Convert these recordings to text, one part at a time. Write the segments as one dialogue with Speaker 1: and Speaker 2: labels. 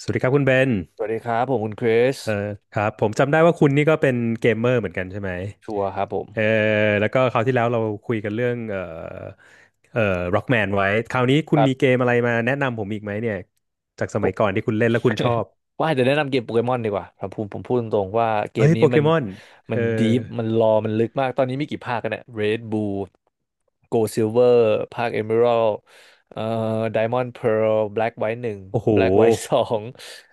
Speaker 1: สวัสดีครับคุณเบน
Speaker 2: สวัสดีครับผมคุณคริส
Speaker 1: เออครับผมจำได้ว่าคุณนี่ก็เป็นเกมเมอร์เหมือนกันใช่ไหม
Speaker 2: ชัวร์ครับผม
Speaker 1: เออแล้วก็คราวที่แล้วเราคุยกันเรื่องเออ Rockman ไว้คราวนี้คุ
Speaker 2: ค
Speaker 1: ณ
Speaker 2: รั
Speaker 1: มีเก
Speaker 2: บ
Speaker 1: มอะไรมาแนะนำผมอีกไหมเนี่ยจากส
Speaker 2: ผ
Speaker 1: มัย
Speaker 2: ม
Speaker 1: ก่อนที่คุณเล่นแล้วคุณชอบ
Speaker 2: ว่าจะแนะนำเกมโปเกมอนดีกว่าครับผมพูดตรงๆว่าเก
Speaker 1: เฮ้
Speaker 2: ม
Speaker 1: ยโป
Speaker 2: นี้
Speaker 1: เก
Speaker 2: มัน
Speaker 1: มอนเอ
Speaker 2: มัน
Speaker 1: อ
Speaker 2: ดีฟมันรอมันลึกมากตอนนี้มีกี่ภาคกันเนี่ย Red Blue Gold Silver ภาค Emerald เอ่อ Diamond Pearl Black White หนึ่ง
Speaker 1: โอ้โห
Speaker 2: Black White สอง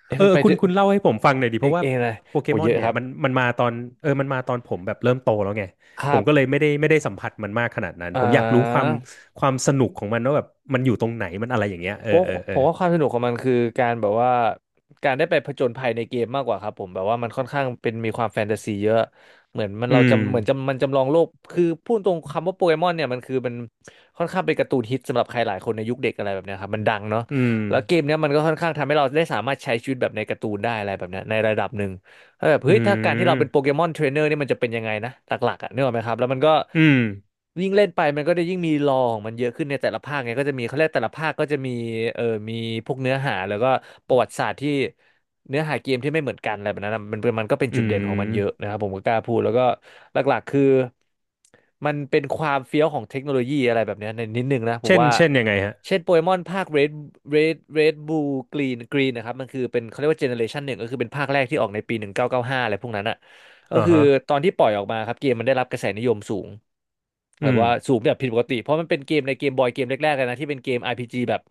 Speaker 2: เอ๊ะมันไป
Speaker 1: คุณ
Speaker 2: ถึง
Speaker 1: เล่าให้ผมฟังหน่อยดิเพ
Speaker 2: เอ็
Speaker 1: ราะ
Speaker 2: กซ์
Speaker 1: ว่า
Speaker 2: เอนะเล
Speaker 1: โปเก
Speaker 2: โห
Speaker 1: มอ
Speaker 2: เย
Speaker 1: น
Speaker 2: อะ
Speaker 1: เนี่
Speaker 2: ค
Speaker 1: ย
Speaker 2: รับ
Speaker 1: มันมาตอนมันมาตอนผมแบบเริ่มโตแล้วไง
Speaker 2: ค
Speaker 1: ผ
Speaker 2: รั
Speaker 1: ม
Speaker 2: บ
Speaker 1: ก็เลยไม่ได้สัมผัสมันมากขนาดนั้น
Speaker 2: อ่
Speaker 1: ผมอยากรู้ความ
Speaker 2: า
Speaker 1: ความสนุกของมันว่าแบบมันอยู่ตรงไหนมันอะไรอย่างเงี้ย
Speaker 2: เพราะผมว่าความสนุกของมันคือการแบบว่าการได้ไปผจญภัยในเกมมากกว่าครับผมแบบว่ามันค่อนข้างเป็นมีความแฟนตาซีเยอะเหมือนมันเรา
Speaker 1: อืม
Speaker 2: จำเหมือนจำมันจำลองโลกคือพูดตรงคำว่าโปเกมอนเนี่ยมันค่อนข้างเป็นการ์ตูนฮิตสำหรับใครหลายคนในยุคเด็กอะไรแบบเนี้ยครับมันดังเนาะ
Speaker 1: อืม
Speaker 2: แล้วเกมเนี้ยมันก็ค่อนข้างทำให้เราได้สามารถใช้ชีวิตแบบในการ์ตูนได้อะไรแบบเนี้ยในระดับหนึ่ง เออแบบ
Speaker 1: อื
Speaker 2: เฮ้ยถ้าการที่เราเป็นโป
Speaker 1: ม
Speaker 2: เกมอนเทรนเนอร์นี่มันจะเป็นยังไงนะหลักๆอ่ะนึกออกไหมครับแล้วมันก็
Speaker 1: อืม
Speaker 2: ยิ่งเล่นไปมันก็ได้ยิ่งมีลอของมันเยอะขึ้นในแต่ละภาคไงก็จะมีเขาเรียกแต่ละภาคก็จะมีเออมีพวกเนื้อหาแล้วก็ประวัติศาสตร์ที่เนื้อหาเกมที่ไม่เหมือนกันอะไรแบบนั้นนะมันก็เป็น
Speaker 1: อื
Speaker 2: จุดเด่นของมันเยอะ
Speaker 1: ม
Speaker 2: นะครับผมก็กล้าพูดแล้วก็หลักๆคือ มันเป็นความเฟี้ยวของเทคโนโลยีอะไรแบบเนี้ยในนิดนึงนะผม
Speaker 1: เช่น
Speaker 2: ว่า
Speaker 1: ยังไงฮะ
Speaker 2: เช่นโปเกมอนภาค Red Blue Green นะครับมันคือเป็นเขาเรียกว่าเจเนอเรชันหนึ่งก็คือเป็นภาคแรกที่ออกในปี1995อยเก้าสิบห้าอะไรพวกนั้นอ่ะก็
Speaker 1: อ่า
Speaker 2: คือ
Speaker 1: ฮะ
Speaker 2: ตอนที่ปล่อยออกมาครับเกมมันได้รับกระแสนิยมสูงแบ
Speaker 1: อื
Speaker 2: บ
Speaker 1: ม
Speaker 2: ว่าสูงแบบผิดปกติเพราะมันเป็นเกมในเกมบอยเกมแรกๆเลยนะที่เป็นเกม RPG แบบ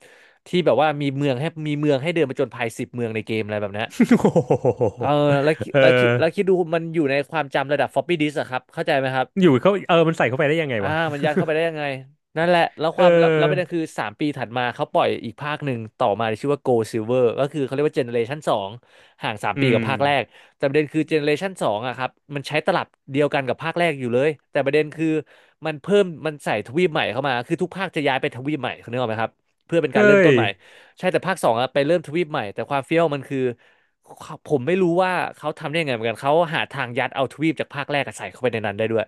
Speaker 2: ที่แบบว่ามีเมืองให้เดินไปจนภาย10 เมืองในเกมอะไรแบบเนี้ย
Speaker 1: โอ้โห
Speaker 2: เออ
Speaker 1: เออ
Speaker 2: แล้วคิดดูมันอยู่ในความจำระดับ floppy disk อะครับเข้าใจไหมครับ
Speaker 1: อยู่เขามันใส่เข้าไปได้ยังไง
Speaker 2: อ่า
Speaker 1: วะ
Speaker 2: มันยัดเข้าไปได้ยังไงนั่นแหละแล้ว
Speaker 1: เอ
Speaker 2: ความแล้วแล้วประเด็น
Speaker 1: อ
Speaker 2: คือสามปีถัดมาเขาปล่อยอีกภาคหนึ่งต่อมาที่ชื่อว่า Gold Silver ก็คือเขาเรียกว่าเจเนเรชันสองห่างสาม
Speaker 1: อื
Speaker 2: ปีกั
Speaker 1: ม
Speaker 2: บภาคแรกแต่ประเด็นคือเจเนเรชันสองอะครับมันใช้ตลับเดียวกันกับภาคแรกอยู่เลยแต่ประเด็นคือมันเพิ่มมันใส่ทวีปใหม่เข้ามาคือทุกภาคจะย้ายไปทวีปใหม่เขานึกออกไหมครับเพื่อเป็นการเริ่ม
Speaker 1: เฮ้
Speaker 2: ต้
Speaker 1: ย
Speaker 2: นใหม่ใช่แต่ภาคสองอะไปเริ่มทวีปใหม่แต่ความเฟี้ยวมันคือผมไม่รู้ว่าเขาทำได้ยังไงเหมือนกันเขาหาทางยัดเอาทวีปจากภาคแรกอะใส่เข้าไปในนั้นได้ด้วย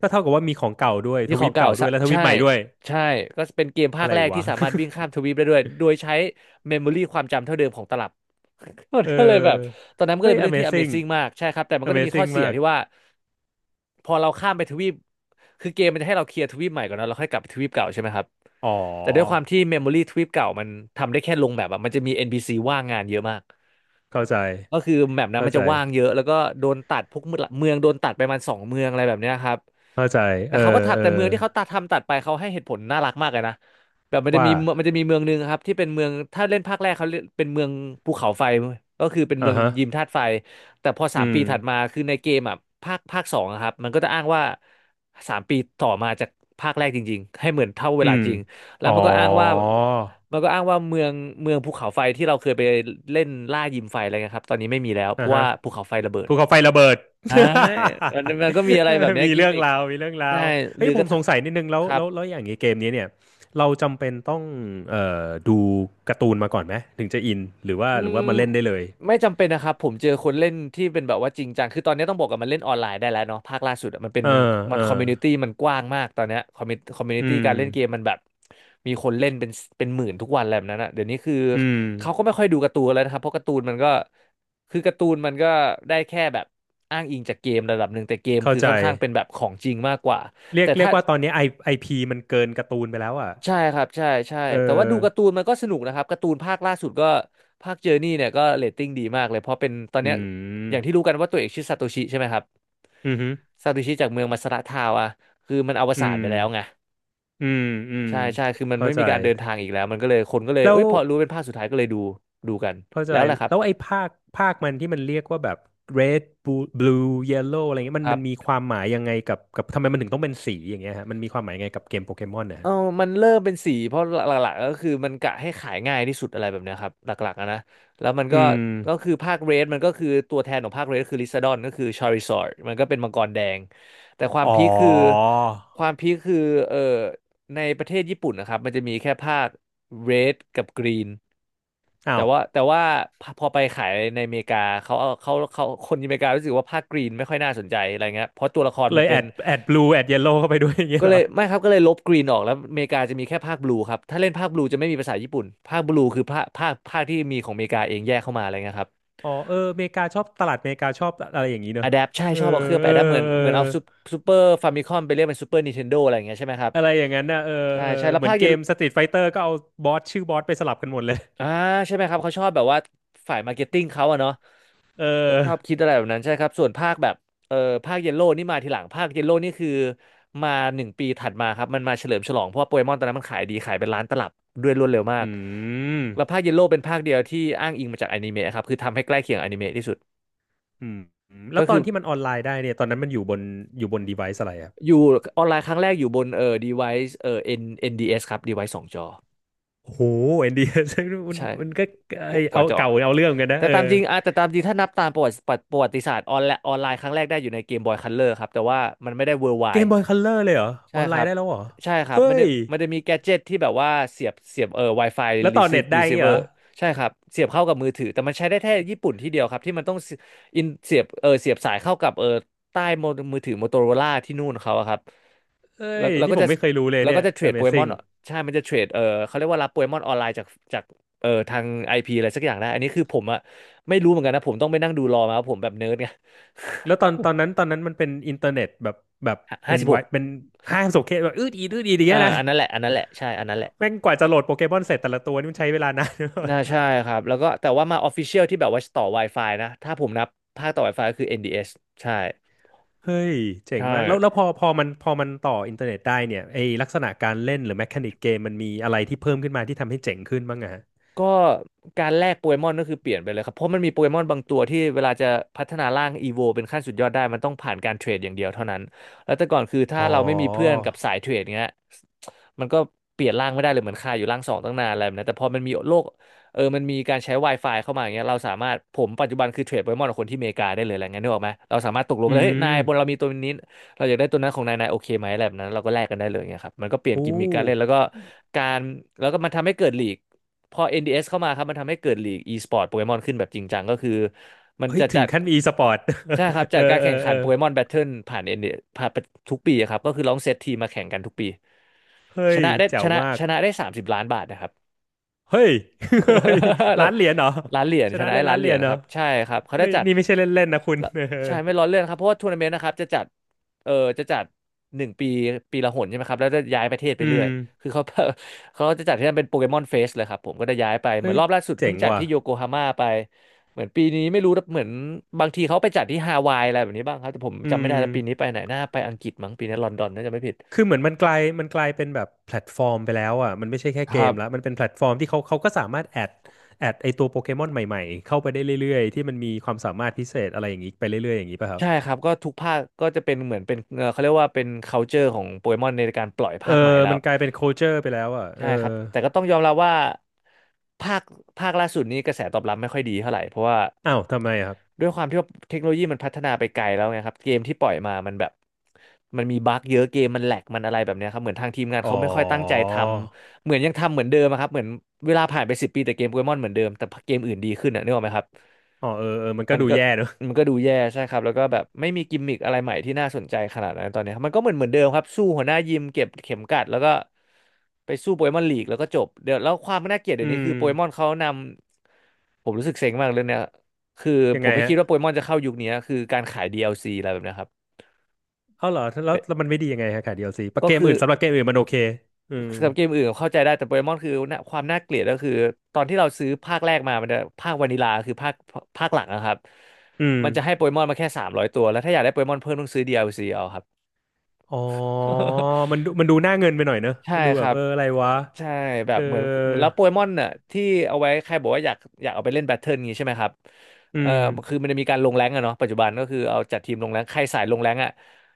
Speaker 1: ก็เท่ากับว่ามีของเก่าด้วย
Speaker 2: มี
Speaker 1: ท
Speaker 2: ขอ
Speaker 1: วี
Speaker 2: ง
Speaker 1: ป
Speaker 2: เก่า
Speaker 1: เก่าด้วย
Speaker 2: สะ
Speaker 1: แล้วทวี
Speaker 2: ใช่
Speaker 1: ปใหม่ด้วย
Speaker 2: ใช่ก็เป็นเกมภา
Speaker 1: อะ
Speaker 2: ค
Speaker 1: ไร
Speaker 2: แรก
Speaker 1: วะ
Speaker 2: ที่สามารถ วิ่งข้ามทวีปได้ด้วยโดยใช้เมมโมรี่ความจำเท่าเดิมของตลับ มัน
Speaker 1: เอ
Speaker 2: ก็เลยแบบ
Speaker 1: อ
Speaker 2: ตอนนั้นมันก็
Speaker 1: เฮ้
Speaker 2: เล
Speaker 1: ย
Speaker 2: ยเป็นเรื่องที่
Speaker 1: Amazing
Speaker 2: Amazing มากใช่ครับแต่มันก็จะมีข้อ
Speaker 1: Amazing
Speaker 2: เสีย
Speaker 1: มาก
Speaker 2: ที่ว่าพอเราข้ามไปทวีปคือเกมมันจะให้เราเคลียร์ทวีปใหม่ก่อนนะเราค่อยกลับไปทวีปเก่าใช่ไหมครับ
Speaker 1: อ๋อ
Speaker 2: แต่ด้วยความที่ Memory ทว i ปเก่ามันทำได้แค่ลงแบบอะมันจะมี NPC ว่างงานเยอะมาก
Speaker 1: เข้าใจ
Speaker 2: ก็คือแมปนั้น
Speaker 1: เข้า
Speaker 2: มัน
Speaker 1: ใจ
Speaker 2: จะว่างเยอะแล้วก็โดนตัดพวกเมืองโดนตัดไปประมัน2 เมืองอะไรแบบเนี้ยครับ
Speaker 1: เข้าใจ
Speaker 2: แต่
Speaker 1: เออ
Speaker 2: เขาก็ตัด
Speaker 1: เออ
Speaker 2: แต่เมืองที่เขาตัดทำตัดไปเขาให้เหตุผลน่ารักมากเลยนะแบบ
Speaker 1: ว่า
Speaker 2: มันจะมีเมืองหนึ่งครับที่เป็นเมืองถ้าเล่นภาคแรกเขาเรียกเป็นเมืองภูเขาไฟก็คือเป็น
Speaker 1: อ่า
Speaker 2: เมือง
Speaker 1: ฮะ
Speaker 2: ยิมธาตุไฟแต่พอสา
Speaker 1: อื
Speaker 2: ม
Speaker 1: ม
Speaker 2: ปีถัดมาคือในเกมอ่ะภาคสองอะครับมันก็จะอ้างว่าสามปีต่อมาจากภาคแรกจริงๆให้เหมือนเท่าเว
Speaker 1: อื
Speaker 2: ลา
Speaker 1: ม
Speaker 2: จริง แล้
Speaker 1: อ๋
Speaker 2: ว
Speaker 1: อ
Speaker 2: มันก็อ้างว่าเมืองภูเขาไฟที่เราเคยไปเล่นล่ายิมไฟอะไรเงี้ยครับตอนนี้ไม่มีแล้วเพ
Speaker 1: อ่า
Speaker 2: ราะ
Speaker 1: ฮะ
Speaker 2: ว่าภูเขาไฟระเบิด
Speaker 1: ภูเขาไฟระเบิด
Speaker 2: ใช่มันก็มีอะไรแบบ เนี้ย
Speaker 1: มี
Speaker 2: กิม
Speaker 1: เรื่อง
Speaker 2: มิก
Speaker 1: ราวมีเรื่องรา
Speaker 2: ใช่
Speaker 1: ว
Speaker 2: ห
Speaker 1: เฮ้
Speaker 2: รือ
Speaker 1: ยผ
Speaker 2: กระ
Speaker 1: ม
Speaker 2: ทั่
Speaker 1: ส
Speaker 2: ง
Speaker 1: งสัยนิดนึงแล้
Speaker 2: ค
Speaker 1: ว
Speaker 2: รับ
Speaker 1: แล้วแล้วอย่างนี้เกมนี้เนี่ยเราจำเป็นต้องเอ่อดูการ์ตูนมาก่อนไหม ถึงจะอินหรือว่า
Speaker 2: อื
Speaker 1: หรือ
Speaker 2: ม
Speaker 1: ว่ามาเล่นได้เลย
Speaker 2: ไม่จำเป็นนะครับผมเจอคนเล่นที่เป็นแบบว่าจริงจังคือตอนนี้ต้องบอกกันมันเล่นออนไลน์ได้แล้วเนาะภาคล่าสุดอะมันเป็น
Speaker 1: เออเออ
Speaker 2: คอมมูนิตี้มันกว้างมากตอนเนี้ยคอมมูนิ
Speaker 1: อื
Speaker 2: ตี้
Speaker 1: ม
Speaker 2: การเล่นเกมมันแบบมีคนเล่นเป็นเป็นหมื่นทุกวันอะไรแบบนั้นอะเดี๋ยวนี้คือ
Speaker 1: อืม
Speaker 2: เขาก็ไม่ค่อยดูการ์ตูนแล้วนะครับเพราะการ์ตูนมันก็คือการ์ตูนมันก็ได้แค่แบบอ้างอิงจากเกมระดับหนึ่งแต่เกม
Speaker 1: เข้า
Speaker 2: คือ
Speaker 1: ใจ
Speaker 2: ค่อนข้างเป็นแบบของจริงมากกว่า
Speaker 1: เรีย
Speaker 2: แต่
Speaker 1: ก
Speaker 2: ถ้า
Speaker 1: ว่าตอนนี้ไอพีมันเกินการ์ตูนไปแล้วอ่ะ
Speaker 2: ใช่ครับใช่ใช่
Speaker 1: เอ
Speaker 2: แต่ว่าดูการ์ตู
Speaker 1: อ
Speaker 2: นมันก็สนุกนะครับการ์ตูนภาคล่าสุดก็ภาคเจอร์นี่เนี่ยก็เรตติ้งดีมากเลยเพราะเป็นตอนเนี้
Speaker 1: อื
Speaker 2: ยอย่างที่
Speaker 1: ม
Speaker 2: รู้กันว่าตัวเอกชื่อซาโตชิใช่ไหมครับ
Speaker 1: อืมอหือ
Speaker 2: ซาโตชิจากเมืองมัสระทาวอะคือมันอว
Speaker 1: อื
Speaker 2: สาน
Speaker 1: ม
Speaker 2: ไปแล้วไง
Speaker 1: อืมอืม
Speaker 2: ใช่ใช่คือมัน
Speaker 1: เข้า
Speaker 2: ไม่
Speaker 1: ใจ
Speaker 2: มีการเดินทางอีกแล้วมันก็เลยคนก็เลย
Speaker 1: แล้
Speaker 2: เอ้
Speaker 1: ว
Speaker 2: ยพอรู้เป็นภาคสุดท้ายก็เลยดูดูกัน
Speaker 1: เข้าใจ
Speaker 2: แล้วแหละครับ
Speaker 1: แล้วไอ้ภาคมันที่มันเรียกว่าแบบ red blue yellow อะไรเงี้ย
Speaker 2: ค
Speaker 1: มัน
Speaker 2: รั
Speaker 1: มันมี
Speaker 2: บ
Speaker 1: ความหมายยังไงกับกับทำไมมันถึงต้องเป็นสีอย่างเงี้ยฮะมันมีความหมายยังไงกับเกมโปเกมอนนะ
Speaker 2: เอ
Speaker 1: ฮะ
Speaker 2: อมันเริ่มเป็นสีเพราะหลักๆก็คือมันกะให้ขายง่ายที่สุดอะไรแบบเนี้ยครับหลักๆอะนะแล้วมัน
Speaker 1: อื
Speaker 2: ก็
Speaker 1: ม
Speaker 2: ก็คือภาคเรดมันก็คือตัวแทนของภาคเรดคือลิซาดอนก็คือชาริซอร์ดมันก็เป็นมังกรแดงแต่ความ
Speaker 1: อ๋อ
Speaker 2: พีคคือความพีคคือเออในประเทศญี่ปุ่นนะครับมันจะมีแค่ภาคเรดกับกรีน
Speaker 1: อ้าว
Speaker 2: แต่ว่าพอไปขายในอเมริกาเขาเอาเขาคนอเมริการู้สึกว่าภาคกรีนไม่ค่อยน่าสนใจอะไรเงี้ยเพราะตัวละคร
Speaker 1: เล
Speaker 2: มัน
Speaker 1: ยแอ
Speaker 2: เป็น
Speaker 1: ดblue แอด yellow เข้าไปด้วย อย่างเงี้ย
Speaker 2: ก็
Speaker 1: เหร
Speaker 2: เล
Speaker 1: อ
Speaker 2: ยไม่ครับก็เลยลบกรีนออกแล้วอเมริกาจะมีแค่ภาคบลูครับถ้าเล่นภาคบลูจะไม่มีภาษาญี่ปุ่นภาคบลูคือภาคที่มีของอเมริกาเองแยกเข้ามาอะไรเงี้ยครับ
Speaker 1: อ๋อเอออเมริกาชอบตลาดอเมริกาชอบอะไรอย่างนี้เนอะ
Speaker 2: อะแดปใช่
Speaker 1: เออ
Speaker 2: ชอบเอาเครื่องไป
Speaker 1: เออ
Speaker 2: อะแดป
Speaker 1: เออ
Speaker 2: เหมือนเอาซูเปอร์ฟามิคอมไปเรียกเป็นซูเปอร์นินเทนโดอะไรอย่างเงี้ยใช่ไหมครับ
Speaker 1: อะไรอย่างนั้นนะเออ
Speaker 2: ใช่
Speaker 1: เออ
Speaker 2: ใช่แล้ว
Speaker 1: เหมือน
Speaker 2: ภาค
Speaker 1: เก
Speaker 2: เย
Speaker 1: ม Street Fighter ก็เอาบอสชื่อบอสไปสลับกันหมดเลย
Speaker 2: อ่าใช่ไหมครับเขาชอบแบบว่าฝ่ายมาร์เก็ตติ้งเขาอะเนาะ
Speaker 1: เออ
Speaker 2: ชอบคิดอะไรแบบนั้นใช่ครับส่วนภาคแบบเออภาคเยลโล่นี่มาทีหลังภาคเยลโล่นี่คือมา1 ปีถัดมาครับมันมาเฉลิมฉลองเพราะว่าโปเกมอนตอนนั้นมันขายดีขายเป็นล้านตลับด้วยรวดเร็วมา
Speaker 1: อื
Speaker 2: ก
Speaker 1: ม
Speaker 2: แล้วภาคเยลโล่เป็นภาคเดียวที่อ้างอิงมาจากอนิเมะครับคือทำให้ใกล้เคียงอนิเมะที่สุด
Speaker 1: อืมแล้
Speaker 2: ก็
Speaker 1: วตอ
Speaker 2: คือ
Speaker 1: นที่มันออนไลน์ได้เนี่ยตอนนั้นมันอยู่บนอยู่บน device อะไรครับ
Speaker 2: อยู่ออนไลน์ครั้งแรกอยู่บนdevice NDS ครับ device สองจอ
Speaker 1: โอ้โหเอ็นดี มัน
Speaker 2: ใช่
Speaker 1: มันก็ไอ
Speaker 2: ก
Speaker 1: เอา
Speaker 2: ว่าจะออก
Speaker 1: เก่าเอาเรื่องกันนะเออ
Speaker 2: แต่ตามจริงถ้านับตามประวัติประวัติศาสตร์ออนไลน์ครั้งแรกได้อยู่ในเกมบอยคัลเลอร์ครับแต่ว่ามันไม่ได้
Speaker 1: เกม
Speaker 2: worldwide
Speaker 1: บอยคัลเลอร์เลยเหรออ
Speaker 2: ใช่
Speaker 1: อน
Speaker 2: ค
Speaker 1: ไล
Speaker 2: รั
Speaker 1: น์
Speaker 2: บ
Speaker 1: ได้แล้วเหรอ
Speaker 2: ใช่ครับ
Speaker 1: เฮ้
Speaker 2: มันได้
Speaker 1: ย
Speaker 2: มันจะมีแกดเจ็ตที่แบบว่าเสียบWi-Fi
Speaker 1: แล้วต่อเน็ต ได้ยงี้เหร
Speaker 2: receiver
Speaker 1: อ
Speaker 2: ใช่ครับเสียบเข้ากับมือถือแต่มันใช้ได้แค่ญี่ปุ่นที่เดียวครับที่มันต้องเสียเสียบเสียบสายเข้ากับใต้โมมือถือ Motorola ที่นู่นเขาอะครับ
Speaker 1: เฮ้
Speaker 2: แล้ว
Speaker 1: ย
Speaker 2: แล้ว
Speaker 1: นี่
Speaker 2: ก็
Speaker 1: ผ
Speaker 2: จะ
Speaker 1: มไม่เคยรู้เลย
Speaker 2: แล้ว
Speaker 1: เนี่
Speaker 2: ก็
Speaker 1: ย
Speaker 2: จะเทรดโปเกมอน
Speaker 1: Amazing
Speaker 2: ใช่มันจะเทรดเขาเรียกว่ารับโปเกมอนออนไลน์จากจากทาง IP อพีอะไรสักอย่างได้อันนี้คือผมอะไม่รู้เหมือนกันนะผมต้องไปนั่งดูรอมาว่าผมแบบเนิร์ดไง
Speaker 1: แล้วตอนตอนนั้นมันเป็นอินเทอร์เน็ตแบบแบบ เป็
Speaker 2: ห้า
Speaker 1: น
Speaker 2: สิบห
Speaker 1: ไว
Speaker 2: ก
Speaker 1: เป็นห้างสโซเคแบบอืดอีดอืดอีดอย่างเงี้ยนะ
Speaker 2: อันนั้นแหละใช่อันนั้นแหละ
Speaker 1: แม่งกว่าจะโหลดโปเกมอนเสร็จแต่ละตัวนี่มันใช้เวลานาน
Speaker 2: น่าใช่ครับแล้วก็แต่ว่ามา Official ที่แบบว่าต่อ Wi-Fi นะถ้าผมนับภาคต่อ Wi-Fi ก็คือ NDS ใช่
Speaker 1: เฮ้ยเจ๋ง
Speaker 2: ใช่
Speaker 1: มากแล้วแล้วพอพอมันพอมันต่ออินเทอร์เน็ตได้เนี่ยไอลักษณะการเล่นหรือแมคานิกเกมมันมีอะไรที่เพิ่มขึ้นมาที่ทำให้เจ๋งขึ้นบ้างอะฮะ
Speaker 2: ก็การแลกโปเกมอนก็คือเปลี่ยนไปเลยครับเพราะมันมีโปเกมอนบางตัวที่เวลาจะพัฒนาร่างอีโวเป็นขั้นสุดยอดได้มันต้องผ่านการเทรดอย่างเดียวเท่านั้นแล้วแต่ก่อนคือ
Speaker 1: อ๋
Speaker 2: ถ้า
Speaker 1: อ
Speaker 2: เราไม่มีเพื่อนกับสายเทรดเงี้ยมันก็เปลี่ยนร่างไม่ได้เลยเหมือนคาอยู่ร่างสองตั้งนานอะไรแบบนั้นแต่พอมันมีโลกมันมีการใช้ Wi-Fi เข้ามาอย่างเงี้ยเราสามารถผมปัจจุบันคือเทรดโปเกมอนกับคนที่อเมริกาได้เลยอะไรเงี้ยนึกออกไหมเราสามารถตกลง
Speaker 1: อื
Speaker 2: กันเลยเฮ้ยนายบน
Speaker 1: ม
Speaker 2: เรามีตัวนี้เราอยากได้ตัวนั้นของนายนายโอเคไหมอะไรแบบนั้นเราก็แลกกันได้เลยเงี้ยครับมันก็เปลี่ยน
Speaker 1: โอ้
Speaker 2: กิมมิคการเล่นแล้วก็การแล้วก็มันทำให้เกิดลีก พอ NDS เอสเข้ามาครับมันทำให้เกิดลีก e-sport โปเกมอนขึ้นแบบจริงจังก็คือมัน
Speaker 1: เฮ้ย
Speaker 2: จะ
Speaker 1: ถึ
Speaker 2: จั
Speaker 1: ง
Speaker 2: ด
Speaker 1: ขั้นมี e สปอร์ต
Speaker 2: ใช่ครับ
Speaker 1: เอ
Speaker 2: จั
Speaker 1: อ
Speaker 2: ดการ
Speaker 1: เออ
Speaker 2: แข่งขั
Speaker 1: เอ
Speaker 2: น
Speaker 1: อ
Speaker 2: โปเกมอนแบทเทิลผ่าน NDS ผ่านทุกปีอะครับก็คือลองเซตทีมมาแข่งกันทุกปี
Speaker 1: เฮ้
Speaker 2: ช
Speaker 1: ย
Speaker 2: นะได้
Speaker 1: แจ๋
Speaker 2: ช
Speaker 1: ว
Speaker 2: นะ
Speaker 1: มาก
Speaker 2: ชนะได้30ล้านบาทนะครับ
Speaker 1: เฮ้ย เฮ้ย ล้านเหรียญเหรอ
Speaker 2: ร้านเหรียญ
Speaker 1: ช
Speaker 2: ช
Speaker 1: นะ
Speaker 2: นะ
Speaker 1: เลย
Speaker 2: ไอ้
Speaker 1: ล้า
Speaker 2: ร้า
Speaker 1: น
Speaker 2: น
Speaker 1: เห
Speaker 2: เห
Speaker 1: รี
Speaker 2: รี
Speaker 1: ย
Speaker 2: ยญ
Speaker 1: ญเหร
Speaker 2: ค
Speaker 1: อ
Speaker 2: รับใช่ครับเขา
Speaker 1: เฮ้
Speaker 2: ได้
Speaker 1: ย
Speaker 2: จัด
Speaker 1: นี่ไม่ใช่เล่นๆนะคุณ เออ
Speaker 2: ใช่ไม่ล้อเล่นครับเพราะว่าทัวร์นาเมนต์นะครับจะจัดเออจะจัดหนึ่งปีปีละหนใช่ไหมครับแล้วจะย้ายประเทศไป
Speaker 1: อื
Speaker 2: เรื่
Speaker 1: ม
Speaker 2: อยคือเขา เขาจะจัดที่นั่นเป็นโปเกมอนเฟสเลยครับผมก็จะ้ย้ายไปเหมื
Speaker 1: เฮ้
Speaker 2: อน
Speaker 1: ย
Speaker 2: รอบล่าสุด
Speaker 1: เจ๋
Speaker 2: เพิ่ง
Speaker 1: ง
Speaker 2: จัด
Speaker 1: ว่ะ
Speaker 2: ที่โยโกฮาม่าไปเหมือนปีนี้ไม่รู้เหมือนบางทีเขาไปจัดที่ฮาวายอะไรแบบนี้บ้างครับแต่ผม
Speaker 1: อื
Speaker 2: จำไม่
Speaker 1: ม
Speaker 2: ได้แล้วปีนี้ไปไหนน่าไปอังกฤษมั้งปีนี้ลอนดอนน่าจะไม่ผิด
Speaker 1: คือเหมือนมันกลายเป็นแบบแพลตฟอร์มไปแล้วอ่ะมันไม่ใช่แค่
Speaker 2: ค
Speaker 1: เก
Speaker 2: รั
Speaker 1: ม
Speaker 2: บ
Speaker 1: ละมันเป็นแพลตฟอร์มที่เขาก็สามารถแอดไอตัวโปเกมอนใหม่ๆเข้าไปได้เรื่อยๆที่มันมีความสามารถพิเศษอะไรอย่างนี้ไปเรื่อยๆอย่างนี้ป่ะครับ
Speaker 2: ใช่ครับก็ทุกภาคก็จะเป็นเหมือนเป็นเขาเรียกว่าเป็น culture ของโปเกมอนในการปล่อย
Speaker 1: เออ
Speaker 2: ภาคใหม่แล้
Speaker 1: มั
Speaker 2: ว
Speaker 1: นกลายเป็น culture ไปแล้วอ่ะเอ
Speaker 2: ใช่
Speaker 1: อ
Speaker 2: ครับแต่ก็ต้องยอมรับว่าภาคล่าสุดนี้กระแสตอบรับไม่ค่อยดีเท่าไหร่เพราะว่า
Speaker 1: อ้าวทำไมอะครับ
Speaker 2: ด้วยความที่ว่าเทคโนโลยีมันพัฒนาไปไกลแล้วไงครับเกมที่ปล่อยมามันแบบมันมีบั๊กเยอะเกมมันแหลกมันอะไรแบบเนี้ยครับเหมือนทางทีมงาน
Speaker 1: อ๋อ
Speaker 2: เขาไม่ค่อยตั้งใจทำเหมือนยังทำเหมือนเดิมอะครับเหมือนเวลาผ่านไปสิบปีแต่เกมโปเกมอนเหมือนเดิมแต่เกมอื่นดีขึ้นอะนึกออกไหมครับ
Speaker 1: อ๋อเออเออมันก็
Speaker 2: มัน
Speaker 1: ดู
Speaker 2: ก็
Speaker 1: แย่เนอะ
Speaker 2: มันก็ดูแย่ใช่ครับแล้วก็แบบไม่มีกิมมิคอะไรใหม่ที่น่าสนใจขนาดนั้นตอนนี้ครับมันก็เหมือนเดิมครับสู้หัวหน้ายิมเก็บเข็มกัดแล้วก็ไปสู้โปเกมอนลีกแล้วก็จบเดี๋ยวแล้วความน่าเกลียดเดี๋
Speaker 1: อื
Speaker 2: ยวนี้
Speaker 1: ม
Speaker 2: คือโปเกมอนเขานำผมรู้สึกเซ็งมากเรื่องเนี้ยคือ
Speaker 1: ยัง
Speaker 2: ผ
Speaker 1: ไง
Speaker 2: มไม่
Speaker 1: ฮะ
Speaker 2: คิดว่าโปเกมอนจะเข้ายุคนี้คือการขาย DLC อลซีอะไรแบบเนี้ยครับ
Speaker 1: เอาเหรอแล้วมันไม่ดียังไงฮะค่ะ DLC ปะ
Speaker 2: ก็
Speaker 1: เกม
Speaker 2: คื
Speaker 1: อื่
Speaker 2: อ
Speaker 1: นสำหรับเกมอื่นมันโอเคอืม
Speaker 2: สำหรับเกมอื่นเข้าใจได้แต่โปเกมอนคือน่ะความน่าเกลียดก็คือตอนที่เราซื้อภาคแรกมามันจะภาควานิลาคือภาคหลังนะครับ
Speaker 1: อืม
Speaker 2: มันจะให้โปเกมอนมาแค่สามร้อยตัวแล้วถ้าอยากได้โปเกมอนเพิ่มต้องซื้อ DLC เอาครับ
Speaker 1: อ๋อมันดูมันดู หน้าเงินไปหน่อยเนอะ
Speaker 2: ใช่
Speaker 1: มันดู
Speaker 2: ค
Speaker 1: แบบ
Speaker 2: รับ
Speaker 1: เอออะไรวะ
Speaker 2: ใช่แบ
Speaker 1: เอ
Speaker 2: บ
Speaker 1: อ
Speaker 2: เหมือนแล้วโปเกมอนน่ะที่เอาไว้ใครบอกว่าอยากเอาไปเล่นแบทเทิลงี้ใช่ไหมครับ
Speaker 1: อื
Speaker 2: เอ่อ
Speaker 1: ม
Speaker 2: คือมันจะมีการลงแรงก์อะเนาะปัจจุบันก็คือเอาจัดทีมลงแรงก์ใครสายลงแรงก์อะ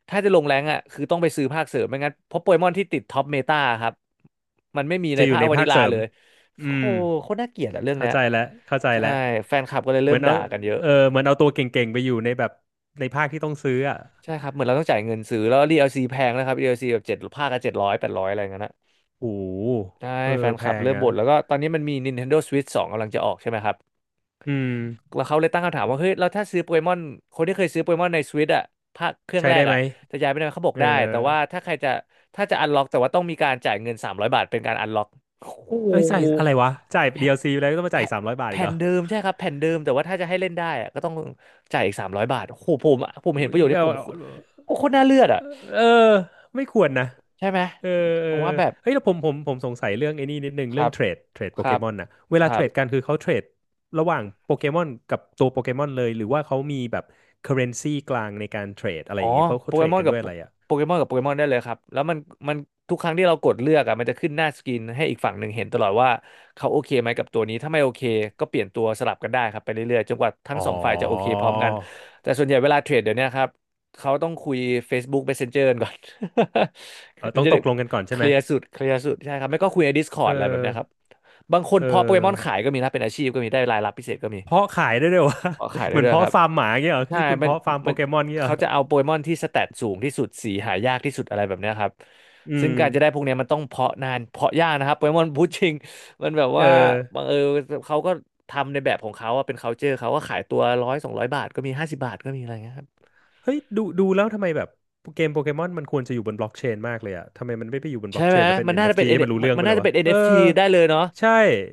Speaker 2: ถ้าจะลงแรงก์อะคือต้องไปซื้อภาคเสริมไม่งั้นเพราะโปเกมอนที่ติดท็อปเมตาครับมันไม่มีใน
Speaker 1: จะอยู่
Speaker 2: ภาค
Speaker 1: ใน
Speaker 2: วา
Speaker 1: ภา
Speaker 2: นิ
Speaker 1: ค
Speaker 2: ลา
Speaker 1: เสริม
Speaker 2: เลย
Speaker 1: อื
Speaker 2: โอ้โห
Speaker 1: ม
Speaker 2: โคตรน่าเกลียดอะเรื่อง
Speaker 1: เข้า
Speaker 2: เนี้ย
Speaker 1: ใจแล้วเข้าใจ
Speaker 2: ใช่
Speaker 1: แล้ว
Speaker 2: แฟนคลับก็เลย
Speaker 1: เห
Speaker 2: เริ่
Speaker 1: มือ
Speaker 2: ม
Speaker 1: นเอา
Speaker 2: ด่ากันเยอะ
Speaker 1: เออ เหมือนเอาตัวเก่งๆไปอยู่ในแบบ ในภาคที่ต้องซื้ออ่ะ
Speaker 2: ใช่ครับเหมือนเราต้องจ่ายเงินซื้อแล้ว d ซีแพงนะครับ d ซีแบบเจ็ดภาคก็เจ็ดร้อยแปดร้อยอะไรเงี้ย
Speaker 1: โอ้โห
Speaker 2: ใช่
Speaker 1: เออ
Speaker 2: แฟน
Speaker 1: แพ
Speaker 2: คลับ
Speaker 1: ง
Speaker 2: เริ่ม
Speaker 1: อ่ะ
Speaker 2: บ่นแล้วก็ตอนนี้มันมี Nintendo Switch 2กำลังจะออกใช่ไหมครับ
Speaker 1: อืม
Speaker 2: แล้วเขาเลยตั้งคำถามว่าเฮ้ยเราถ้าซื้อโปเกมอนคนที่เคยซื้อโปเกมอนใน Switch อ่ะภาคเครื่อง
Speaker 1: ใช้
Speaker 2: แร
Speaker 1: ได้
Speaker 2: ก
Speaker 1: ไหม
Speaker 2: อ่ะจะย้ายไปได้ไหมเขาบอก
Speaker 1: เออ
Speaker 2: ได้แต่ว่าถ้าใครจะถ้าจะอันล็อกแต่ว่าต้องมีการจ่ายเงิน300บาทเป็นการอันล็อกโอ้
Speaker 1: เอ้ยจ่าย
Speaker 2: โห
Speaker 1: อะไรวะ จ่าย
Speaker 2: แผ่น
Speaker 1: DLC ไปแล้วก็ต้องมาจ่า
Speaker 2: แผ่
Speaker 1: ย
Speaker 2: น
Speaker 1: 300 บาทอีก
Speaker 2: แผ่
Speaker 1: เหร
Speaker 2: น
Speaker 1: อ
Speaker 2: เดิมใช่ครับแผ่นเดิมแต่ว่าถ้าจะให้เล่นได้อะก็ต้องจ่ายอีกสามร้อยบาทโอ้โหผมเห็นประโยชน์ที่
Speaker 1: เอา
Speaker 2: ผม
Speaker 1: เอา
Speaker 2: โอ้โคตรน่าเลือดอ่ะ
Speaker 1: เออไม่ควรนะ
Speaker 2: ใช่ไหม
Speaker 1: เออเออ
Speaker 2: ผมว่าแบบ
Speaker 1: เฮ้ยแล้วผมสงสัยเรื่องไอ้นี่นิดนึง
Speaker 2: ค
Speaker 1: เรื่อ
Speaker 2: รั
Speaker 1: ง
Speaker 2: บ
Speaker 1: เทรดโป
Speaker 2: ค
Speaker 1: เก
Speaker 2: รับ
Speaker 1: มอนน่ะเวลา
Speaker 2: ค
Speaker 1: เท
Speaker 2: รั
Speaker 1: ร
Speaker 2: บ
Speaker 1: ดกันคือเขาเทรดระหว่างโปเกมอนกับตัวโปเกมอนเลยหรือว่าเขามีแบบเคอเรนซีกลางในการเทรดอะไร
Speaker 2: อ๋
Speaker 1: อ
Speaker 2: อ
Speaker 1: ย่างเงี้ยเขา
Speaker 2: โป
Speaker 1: เขาเท
Speaker 2: เก
Speaker 1: รด
Speaker 2: มอน
Speaker 1: กัน
Speaker 2: กั
Speaker 1: ด้ว
Speaker 2: บ
Speaker 1: ยอะไรอ่ะ
Speaker 2: โปเกมอนได้เลยครับแล้วมันทุกครั้งที่เรากดเลือกอ่ะมันจะขึ้นหน้าสกรีนให้อีกฝั่งหนึ่งเห็นตลอดว่าเขาโอเคไหมกับตัวนี้ถ้าไม่โอเคก็เปลี่ยนตัวสลับกันได้ครับไปเรื่อยๆจนกว่าทั้
Speaker 1: อ๋
Speaker 2: ง
Speaker 1: อ
Speaker 2: สองฝ่ายจะโอเคพร้อมกันแต่ส่วนใหญ่เวลาเทรดเดี๋ยวเนี้ยครับเขาต้องคุย Facebook Messenger กันก่อน
Speaker 1: เออ
Speaker 2: มั
Speaker 1: ต้อ
Speaker 2: น
Speaker 1: ง
Speaker 2: จะ
Speaker 1: ต
Speaker 2: ได้
Speaker 1: กลงกันก่อนใช่ไหม
Speaker 2: เคลียร์สุดใช่ครับไม่ก็คุยใน
Speaker 1: เอ
Speaker 2: Discord อะไรแบบ
Speaker 1: อ
Speaker 2: เนี้ยครับบางคน
Speaker 1: เอ
Speaker 2: เพาะโปเกมอน
Speaker 1: อ
Speaker 2: ขายก็มีนะเป็นอาชีพก็มีได้รายรับพิเศษก็มี
Speaker 1: เพาะขายได้ด้วยวะ
Speaker 2: เพาะขาย
Speaker 1: เห
Speaker 2: ได้
Speaker 1: มือน
Speaker 2: ด้วย
Speaker 1: เพาะ
Speaker 2: ครับ
Speaker 1: ฟาร์มหมาเงี้ยเหรอ
Speaker 2: ใช่
Speaker 1: นี่คุณ
Speaker 2: มัน
Speaker 1: เพาะฟาร์มโป
Speaker 2: มัน
Speaker 1: เกมอนเงี้ยเหร
Speaker 2: เขา
Speaker 1: อ
Speaker 2: จะเอาโปเกมอนที่สแตทสูงที่สุดสีหายากที่สุดอะไรแบบเนี้ยครับ
Speaker 1: อื
Speaker 2: ซึ่ง
Speaker 1: ม
Speaker 2: การจะได้พวกเนี้ยมันต้องเพาะนานเพาะยากนะครับโปเกมอนพูดจริงมันแบบ
Speaker 1: เออ
Speaker 2: ว่าบังเออเขาก็ทำในแบบของเขาอะเป็น culture เขาก็ขายตัวร้อยสองร้อยบาทก็มีห้าสิบบาทก็มีอะไรเงี้ยครับ
Speaker 1: เฮ้ยดูแล้วทำไมแบบเกมโปเกมอนมันควรจะอยู่บนบล็อกเชนมากเลยอะทำไมมันไม่ไปอยู่บนบ
Speaker 2: ใช่
Speaker 1: ล็อกเช
Speaker 2: ไหม
Speaker 1: นแล้วเป็น
Speaker 2: มันน่าจะเป็น
Speaker 1: NFT ให้มัน
Speaker 2: N-
Speaker 1: รู้
Speaker 2: มัน
Speaker 1: เรื่อง
Speaker 2: มั
Speaker 1: ไป
Speaker 2: น
Speaker 1: เล
Speaker 2: น่า
Speaker 1: ย
Speaker 2: จะ
Speaker 1: วะ
Speaker 2: เป็น
Speaker 1: เออ
Speaker 2: NFT ได้เลยเนาะ
Speaker 1: ใช่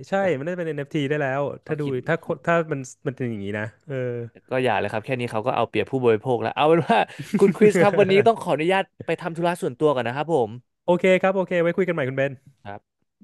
Speaker 1: ใช่
Speaker 2: แต่
Speaker 1: มันน่าจะเป็น NFT ได้แล้ว
Speaker 2: ก็
Speaker 1: ถ้าดูถ้า
Speaker 2: คิด
Speaker 1: ถ้ามันมันเป็นอย่างนี้นะเออ
Speaker 2: ก็อย่าเลยครับแค่นี้เขาก็เอาเปรียบผู้บริโภคแล้วเอาเป็นว่าคุณคริสครับวันนี้ต้องขออนุ ญาตไปทำธุระส่วนตัวก่อนนะครับผม
Speaker 1: โอเคครับโอเคไว้คุยกันใหม่คุณเบน
Speaker 2: ครับ